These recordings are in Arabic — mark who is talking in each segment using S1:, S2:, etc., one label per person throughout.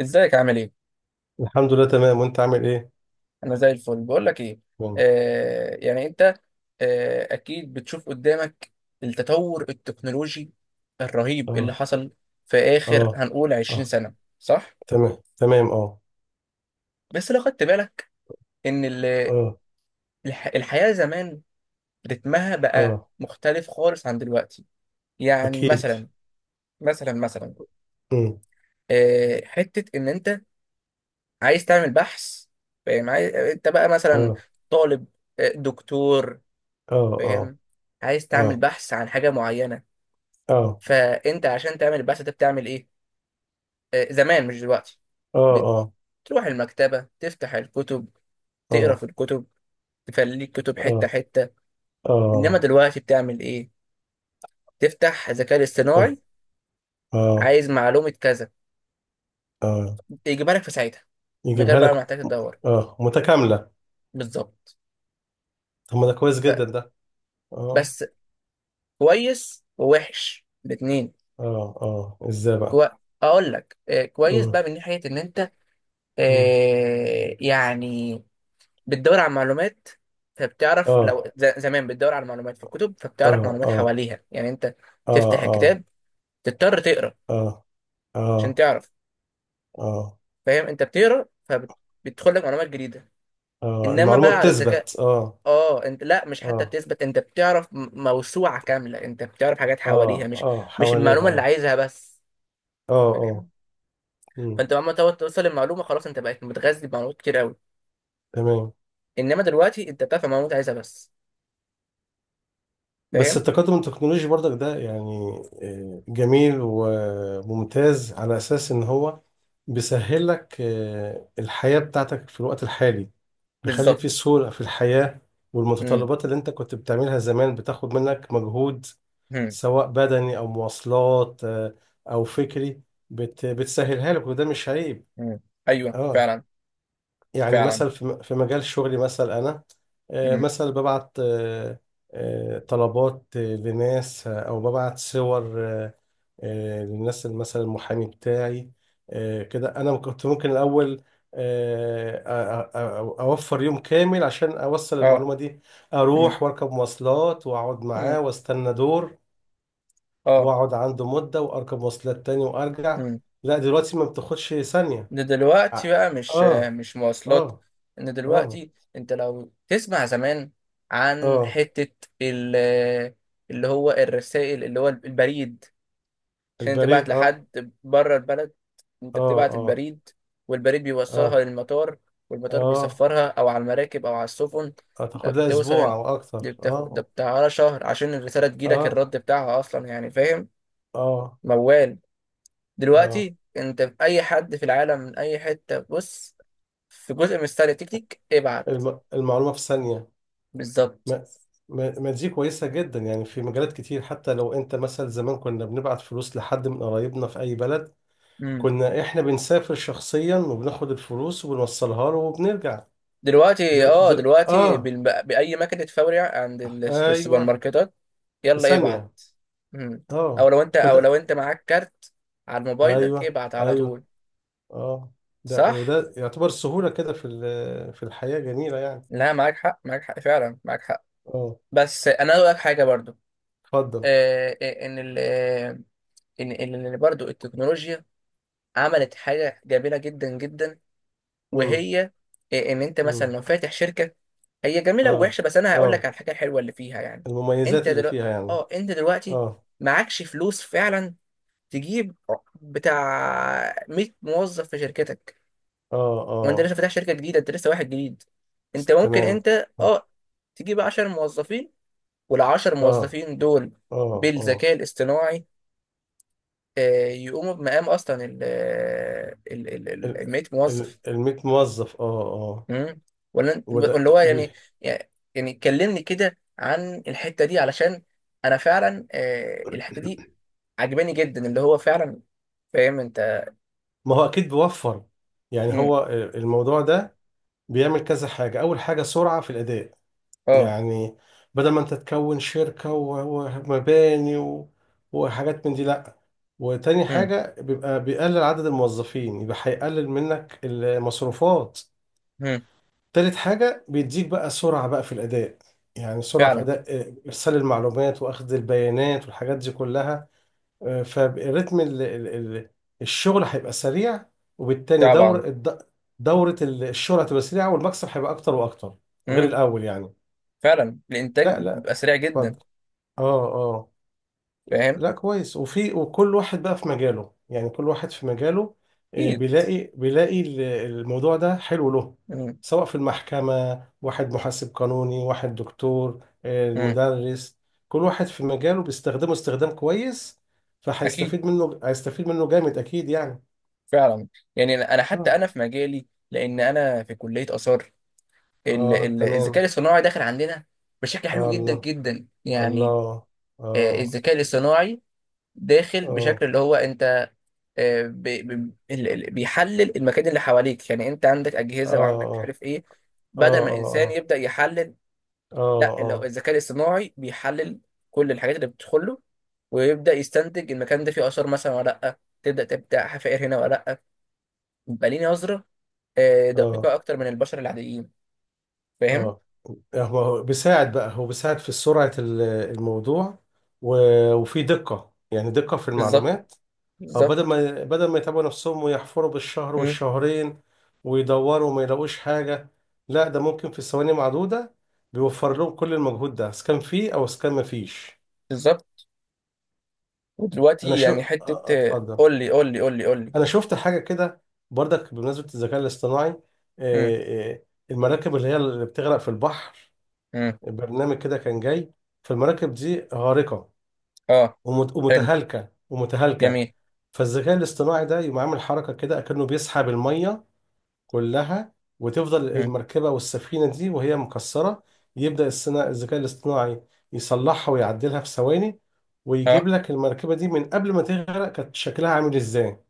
S1: ازيك عامل ايه؟
S2: الحمد لله، تمام، وانت عامل ايه؟
S1: انا زي الفل، بقول لك ايه.
S2: تمام.
S1: يعني انت، اكيد بتشوف قدامك التطور التكنولوجي الرهيب اللي
S2: اه،
S1: حصل في اخر
S2: اه.
S1: هنقول 20
S2: اه.
S1: سنة، صح؟
S2: تمام، تمام، اه.
S1: بس لو خدت بالك ان
S2: اه.
S1: الحياة زمان رتمها بقى
S2: اه.
S1: مختلف خالص عن دلوقتي. يعني
S2: اكيد.
S1: مثلا،
S2: امم
S1: حتة ان انت عايز تعمل بحث، فاهم؟ عايز انت بقى مثلا
S2: اه.
S1: طالب، دكتور،
S2: اه. اه،
S1: فاهم؟ عايز تعمل
S2: اه،
S1: بحث عن حاجة معينة.
S2: اه،
S1: فأنت عشان تعمل البحث ده بتعمل إيه؟ زمان مش دلوقتي،
S2: اه، اه،
S1: بتروح المكتبة، تفتح الكتب، تقرا
S2: اه،
S1: في الكتب، تفليك كتب
S2: اه،
S1: حتة حتة. إنما
S2: اه،
S1: دلوقتي بتعمل إيه؟ تفتح ذكاء
S2: اه،
S1: اصطناعي،
S2: اه،
S1: عايز معلومة كذا،
S2: اه.
S1: يجيبها لك في ساعتها، من غير
S2: يجيبها
S1: بقى ما
S2: لك.
S1: محتاج تدور.
S2: اه، متكاملة.
S1: بالظبط.
S2: طب ما ده كويس جدا ده. اه.
S1: فبس، كويس ووحش الاتنين.
S2: اه، اه، ازاي بقى؟
S1: كو... أقول لك، كويس
S2: امم
S1: بقى من ناحية إن أنت،
S2: امم
S1: يعني بتدور على معلومات، فبتعرف.
S2: اه،
S1: لو زمان بتدور على معلومات في الكتب، فبتعرف
S2: اه.
S1: معلومات
S2: اه،
S1: حواليها، يعني انت
S2: اه،
S1: تفتح
S2: اه،
S1: الكتاب، تضطر تقرا
S2: اه،
S1: عشان
S2: اه،
S1: تعرف،
S2: اه،
S1: فاهم؟ انت بتقرا، فبتدخل لك معلومات جديدة.
S2: اه.
S1: انما بقى
S2: المعلومة
S1: على الذكاء،
S2: بتثبت، اه.
S1: اه، انت لا، مش حتى
S2: اه،
S1: بتثبت، انت بتعرف موسوعة كاملة، انت بتعرف حاجات حواليها،
S2: اه،
S1: مش
S2: اه،
S1: مش
S2: حواليها،
S1: المعلومة اللي
S2: اه.
S1: عايزها بس،
S2: اه، اه.
S1: فاهم.
S2: مم.
S1: فانت لما تقعد توصل للمعلومة، خلاص، انت بقيت متغذي بمعلومات كتير قوي.
S2: تمام.
S1: انما دلوقتي انت بتعرف المعلومات اللي عايزها بس.
S2: بس
S1: فاهم.
S2: التقدم التكنولوجي برضك ده، يعني جميل وممتاز على اساس ان هو بيسهل لك الحياة بتاعتك في الوقت الحالي، بيخلي في
S1: بالظبط.
S2: سهولة في الحياة،
S1: امم.
S2: والمتطلبات اللي انت كنت بتعملها زمان بتاخد منك مجهود،
S1: امم.
S2: سواء بدني او مواصلات او فكري، بتسهلها لك، وده مش عيب.
S1: امم. ايوه،
S2: اه.
S1: فعلا.
S2: يعني
S1: فعلا.
S2: مثلا في مجال شغلي، مثلا انا
S1: مم.
S2: مثلا ببعت طلبات لناس، او ببعت صور للناس، مثلا المحامي بتاعي، كده انا كنت ممكن الاول اوفر يوم كامل عشان اوصل
S1: اه.
S2: المعلومه دي،
S1: مم.
S2: اروح واركب مواصلات واقعد
S1: مم.
S2: معاه واستنى دور،
S1: اه.
S2: واقعد عنده مده واركب مواصلات تاني وارجع.
S1: مم.
S2: لا، دلوقتي ما بتاخدش ثانيه.
S1: ده دلوقتي
S2: اه،
S1: بقى مش
S2: اه،
S1: مش مواصلات. ان
S2: اه،
S1: دلوقتي انت لو تسمع زمان عن
S2: اه.
S1: حتة ال- اللي هو الرسائل، اللي هو البريد، عشان
S2: البريد،
S1: تبعت
S2: اه.
S1: لحد بره البلد،
S2: اه،
S1: انت بتبعت
S2: اه،
S1: البريد، والبريد بيوصلها
S2: اه،
S1: للمطار، والمطار
S2: اه.
S1: بيسفرها، او على المراكب، او على السفن،
S2: هتاخد لها
S1: فبتوصل
S2: اسبوع
S1: هنا.
S2: او اكتر،
S1: ده
S2: اه
S1: بتاع على شهر عشان الرسالة تجيلك
S2: اه.
S1: الرد بتاعها اصلا، يعني فاهم.
S2: اه،
S1: موال.
S2: اه.
S1: دلوقتي انت في اي حد في العالم من اي حته، بص، في جزء من ستايل التيك تيك ابعت.
S2: المعلومه في ثانيه.
S1: بالظبط.
S2: ما... ما دي كويسه جدا، يعني في مجالات كتير حتى لو انت مثلا زمان كنا بنبعت فلوس لحد من قرايبنا في اي بلد،
S1: امم.
S2: كنا احنا بنسافر شخصيا وبناخد الفلوس وبنوصلها له وبنرجع.
S1: دلوقتي، دلوقتي،
S2: اه،
S1: باي مكنه فوري عند في السوبر
S2: ايوه.
S1: ماركتات،
S2: في
S1: يلا ابعت.
S2: ثانيه.
S1: امم.
S2: اه.
S1: او
S2: فده.
S1: لو انت معاك كارت، على موبايلك
S2: ايوه،
S1: ابعت على
S2: ايوه،
S1: طول.
S2: اه. ده
S1: صح.
S2: وده يعتبر السهولة كده في الحياة جميلة يعني.
S1: لا، معاك حق، معاك حق، فعلا معاك حق.
S2: اه،
S1: بس انا اقول لك حاجه برضو.
S2: اتفضل.
S1: آه آه، ان ال آه، ان ان إن برضو التكنولوجيا عملت حاجه جميله جدا جدا،
S2: امم،
S1: وهي إيه، ان انت مثلا
S2: امم.
S1: لو فاتح شركه، هي جميله
S2: اه،
S1: ووحشه، بس انا هقول لك
S2: اه،
S1: على الحاجه الحلوه اللي فيها، يعني. انت
S2: المميزات اللي
S1: دلوقتي،
S2: فيها يعني.
S1: اه انت دلوقتي
S2: اه،
S1: معكش فلوس فعلا، تجيب بتاع 100 موظف في شركتك،
S2: اه،
S1: وانت
S2: اه.
S1: لسه فاتح شركه جديده، انت لسه واحد جديد. انت
S2: س-
S1: ممكن،
S2: تمام.
S1: انت
S2: اه،
S1: اه تجيب 10 موظفين، وال 10
S2: اه،
S1: موظفين دول
S2: اه، اه،
S1: بالذكاء الاصطناعي، يقوموا بمقام اصلا ال ال ال
S2: ال
S1: ال 100
S2: ال
S1: موظف.
S2: ال موظف، اه، اه.
S1: امم.
S2: وده
S1: ولا هو، يعني. يعني كلمني كده عن الحته دي، علشان انا فعلا، الحته دي عجباني جدا، اللي هو فعلا، فاهم انت.
S2: ما هو اكيد بيوفر، يعني
S1: امم.
S2: هو الموضوع ده بيعمل كذا حاجة. اول حاجة سرعة في الاداء،
S1: اه.
S2: يعني بدل ما انت تكون شركة ومباني وحاجات من دي، لا. وتاني
S1: امم.
S2: حاجة بيبقى بيقلل عدد الموظفين، يبقى هيقلل منك المصروفات.
S1: امم.
S2: تالت حاجة بيديك بقى سرعة بقى في الأداء، يعني سرعة في
S1: فعلا.
S2: أداء إرسال المعلومات وأخذ البيانات والحاجات دي كلها. فالريتم، ال- الشغل هيبقى سريع، وبالتالي
S1: طبعا.
S2: دورة الشغل هتبقى سريعة، والمكسب هيبقى أكتر وأكتر غير
S1: امم.
S2: الأول يعني.
S1: فعلا، الانتاج
S2: لا، لا،
S1: بيبقى سريع جدا.
S2: اتفضل. اه، آه.
S1: فاهم.
S2: لا، كويس. وفي، وكل واحد بقى في مجاله، يعني كل واحد في مجاله
S1: اكيد.
S2: بيلاقي بيلاقي الموضوع ده حلو له،
S1: امم.
S2: سواء في المحكمة، واحد محاسب قانوني، واحد دكتور،
S1: امم.
S2: مدرس. كل واحد في مجاله بيستخدمه استخدام كويس،
S1: اكيد.
S2: فهيستفيد منه، هيستفيد منه جامد أكيد يعني.
S1: فعلا. يعني انا حتى
S2: اه،
S1: انا في مجالي، لان انا في كليه اثار،
S2: اه،
S1: الذكاء
S2: تمام.
S1: الصناعي داخل عندنا بشكل حلو
S2: آه
S1: جدا
S2: الله.
S1: جدا، يعني.
S2: الله. اه،
S1: الذكاء الاصطناعي داخل
S2: اه،
S1: بشكل اللي هو انت، آه، بي- بي- بيحلل المكان اللي حواليك، يعني انت عندك اجهزه وعندك مش
S2: اه،
S1: عارف ايه.
S2: اه،
S1: بدل ما
S2: اه،
S1: الانسان
S2: اه،
S1: يبدا يحلل، لا، لو
S2: اه،
S1: الذكاء الاصطناعي بيحلل كل الحاجات اللي بتدخل له، ويبدا يستنتج المكان ده فيه اثار مثلا ولا لا، تبدا حفائر هنا ولا لا. يبقى ليه نظره
S2: اه،
S1: دقيقه
S2: اه،
S1: اكتر من البشر العاديين، فاهم.
S2: اه. هو بيساعد بقى، هو بيساعد في سرعة الموضوع، وفي دقة، يعني دقة في
S1: بالظبط.
S2: المعلومات. أو بدل
S1: بالظبط.
S2: ما بدل ما يتعبوا نفسهم ويحفروا بالشهر
S1: مم.
S2: والشهرين ويدوروا وما يلاقوش حاجة، لا، ده ممكن في ثواني معدودة، بيوفر لهم كل المجهود ده، سكان فيه أو سكان ما فيش.
S1: بالظبط.
S2: أنا
S1: ودلوقتي يعني حته،
S2: أتفضل.
S1: قول لي، قول لي، قول لي، قول لي.
S2: أنا شفت حاجة كده برضك بمناسبة الذكاء الاصطناعي.
S1: مم.
S2: آه، آه، المراكب اللي هي اللي بتغرق في البحر،
S1: مم.
S2: برنامج كده كان جاي، فالمراكب دي غارقة
S1: اه. حلو.
S2: ومتهالكه، ومتهالكه.
S1: جميل.
S2: فالذكاء الاصطناعي ده يقوم عامل حركه كده، اكنه بيسحب الميه كلها، وتفضل
S1: مم.
S2: المركبه والسفينه دي وهي مكسره. يبدا الذكاء الاصطناعي يصلحها ويعدلها في ثواني، ويجيب
S1: اه،
S2: لك المركبه دي من قبل ما تغرق كانت شكلها عامل ازاي.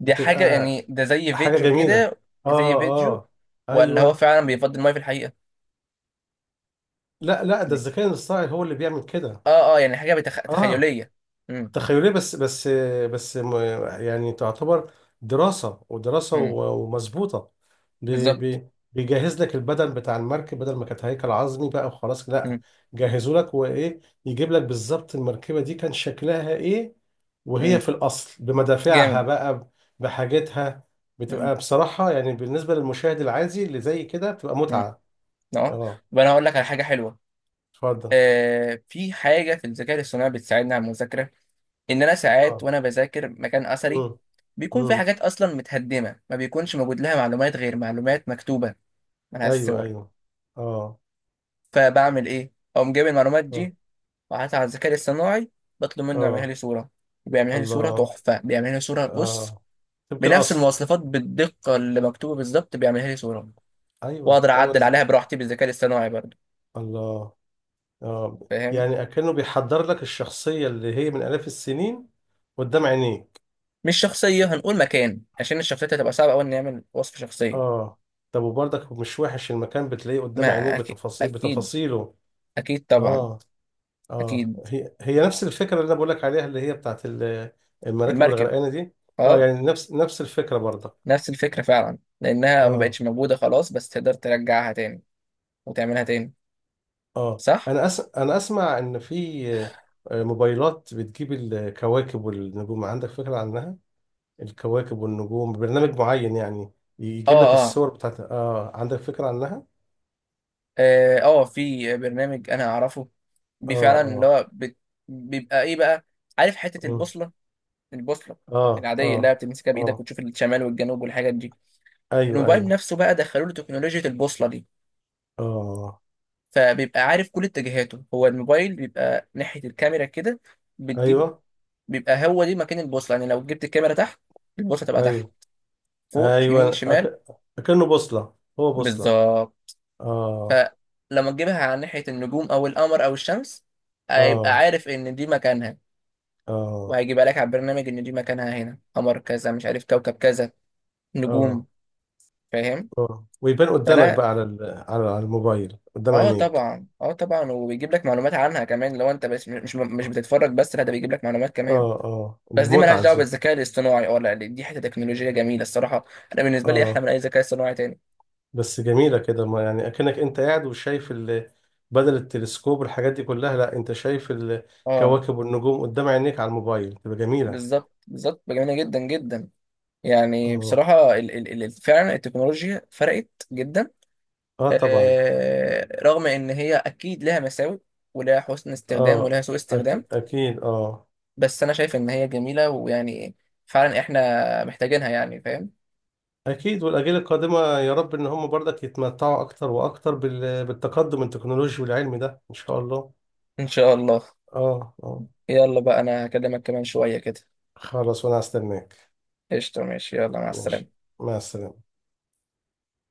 S1: دي حاجة
S2: بتبقى
S1: يعني، ده زي
S2: حاجه
S1: فيديو
S2: جميله.
S1: كده؟ زي
S2: اه.
S1: فيديو،
S2: اه،
S1: ولا هو
S2: ايوه.
S1: فعلا بيفضي المية في الحقيقة؟
S2: لا، لا، ده
S1: مم.
S2: الذكاء الاصطناعي هو اللي بيعمل كده.
S1: اه. اه، يعني حاجة
S2: اه.
S1: تخيلية. مم.
S2: تخيلية، بس م- يعني تعتبر دراسة، ودراسة
S1: مم.
S2: ومظبوطة.
S1: بالظبط.
S2: بيجهز لك البدن بتاع المركب، بدل ما كانت هيكل عظمي بقى وخلاص، لا،
S1: مم.
S2: جهزوا لك وإيه، يجيب لك بالظبط المركبة دي كان شكلها إيه وهي
S1: مم.
S2: في الأصل بمدافعها
S1: جامد.
S2: بقى، بحاجتها.
S1: مم.
S2: بتبقى بصراحة يعني بالنسبة للمشاهد العادي اللي زي كده بتبقى
S1: مم.
S2: متعة.
S1: اه.
S2: اه،
S1: طب انا هقول لك على حاجة حلوة.
S2: اتفضل.
S1: آه، في حاجة في الذكاء الاصطناعي بتساعدني على المذاكرة، ان انا ساعات
S2: اه.
S1: وانا بذاكر مكان اثري،
S2: امم،
S1: بيكون في
S2: امم.
S1: حاجات اصلا متهدمة ما بيكونش موجود لها معلومات غير معلومات مكتوبة، ملهاش
S2: ايوه،
S1: صور،
S2: ايوه. اه،
S1: فبعمل ايه؟ اقوم جايب المعلومات
S2: اه،
S1: دي وقعدت على الذكاء الاصطناعي، بطلب منه يعملها
S2: اه.
S1: لي صورة، بيعملها لي صورة
S2: الله.
S1: تحفة، بيعملها لي صورة، بص،
S2: آه، سمك
S1: بنفس
S2: الأصل.
S1: المواصفات، بالدقة اللي مكتوبة بالظبط، بيعملها لي صورة،
S2: أيوه،
S1: وأقدر
S2: أيوه،
S1: أعدل عليها براحتي بالذكاء الاصطناعي برضه،
S2: الله. آه،
S1: فاهم.
S2: يعني أكنه بيحضر لك الشخصية اللي هي من آلاف السنين قدام عينيك.
S1: مش شخصية، هنقول مكان، عشان الشخصيات هتبقى صعبة أوي إن نعمل وصف شخصية.
S2: آه. طب وبرضك مش وحش المكان بتلاقيه قدام عينيك
S1: ما أكيد،
S2: بتفاصيل،
S1: أكيد،
S2: بتفاصيله.
S1: أكيد طبعا،
S2: آه. آه،
S1: أكيد.
S2: هي هي نفس الفكرة اللي أنا بقول لك عليها، اللي هي بتاعت المراكب
S1: المركب،
S2: الغرقانة دي. آه،
S1: أه.
S2: يعني نفس نفس الفكرة برضك.
S1: نفس الفكرة فعلا، لأنها ما
S2: آه.
S1: بقتش موجودة خلاص، بس تقدر ترجعها تاني وتعملها تاني،
S2: اه،
S1: صح؟
S2: انا اسمع ان في موبايلات بتجيب الكواكب والنجوم، عندك فكرة عنها؟ الكواكب والنجوم، برنامج معين يعني
S1: اه.
S2: يجيب لك
S1: اه.
S2: الصور بتاعت، اه، عندك فكرة عنها؟
S1: اه، في برنامج انا اعرفه،
S2: اه،
S1: فعلا اللي
S2: اه.
S1: هو بيبقى ايه بقى؟ عارف حته
S2: مم.
S1: البوصله
S2: اه،
S1: العاديه اللي
S2: اه،
S1: هي بتمسكها بايدك
S2: اه.
S1: وتشوف الشمال والجنوب والحاجات دي.
S2: ايوه،
S1: الموبايل
S2: ايوه.
S1: نفسه بقى دخلوا له تكنولوجيا البوصله دي،
S2: اه.
S1: فبيبقى عارف كل اتجاهاته. هو الموبايل بيبقى ناحيه الكاميرا كده، بتجيب،
S2: ايوه،
S1: بيبقى هو دي مكان البوصله، يعني لو جبت الكاميرا تحت، البوصله تبقى تحت،
S2: ايوه.
S1: فوق، يمين،
S2: ايوه،
S1: شمال،
S2: اكنه بوصلة، هو بوصلة.
S1: بالظبط.
S2: اه.
S1: فلما تجيبها على ناحيه النجوم او القمر او الشمس، هيبقى
S2: اه،
S1: عارف ان دي مكانها،
S2: اه،
S1: وهيجيبها لك على البرنامج، ان دي مكانها هنا قمر كذا، مش عارف كوكب كذا، نجوم،
S2: اه،
S1: فاهم.
S2: اه. ويبان قدامك
S1: فلا،
S2: بقى على على، على الموبايل قدام
S1: اه
S2: عينيك.
S1: طبعا، اه طبعا، وبيجيب لك معلومات عنها كمان، لو انت بس مش بتتفرج بس، لا، ده بيجيب لك معلومات كمان.
S2: اه، اه،
S1: بس
S2: دي
S1: دي مالهاش
S2: متعة
S1: دعوه
S2: دي.
S1: بالذكاء الاصطناعي، اه لا، دي حته تكنولوجيه جميله الصراحه. انا بالنسبه لي احلى من
S2: اه.
S1: اي ذكاء اصطناعي تاني.
S2: بس جميلة كده، ما يعني اكنك انت قاعد وشايف بدل التلسكوب والحاجات دي كلها، لا، انت شايف
S1: اه.
S2: الكواكب والنجوم قدام عينيك على الموبايل، تبقى جميلة.
S1: بالظبط، بالظبط، جميله جدا جدا. يعني
S2: اه.
S1: بصراحه، ال ال ال فعلا التكنولوجيا فرقت جدا.
S2: اه، طبعا.
S1: آه رغم ان هي اكيد لها مساوئ ولها حسن استخدام
S2: اه،
S1: ولها سوء استخدام،
S2: أكيد، اكيد، اه.
S1: بس انا شايف ان هي جميلة، ويعني فعلا احنا محتاجينها، يعني فاهم.
S2: اكيد، والاجيال القادمة يا رب ان هم برضك يتمتعوا اكتر واكتر بالتقدم التكنولوجي والعلمي ده ان شاء الله.
S1: ان شاء الله.
S2: اه، اه.
S1: يلا بقى، انا هكلمك كمان شوية كده.
S2: خلاص، وانا هستناك.
S1: قشطة، ماشي، يلا، مع السلامة.
S2: ماشي، مع السلامة.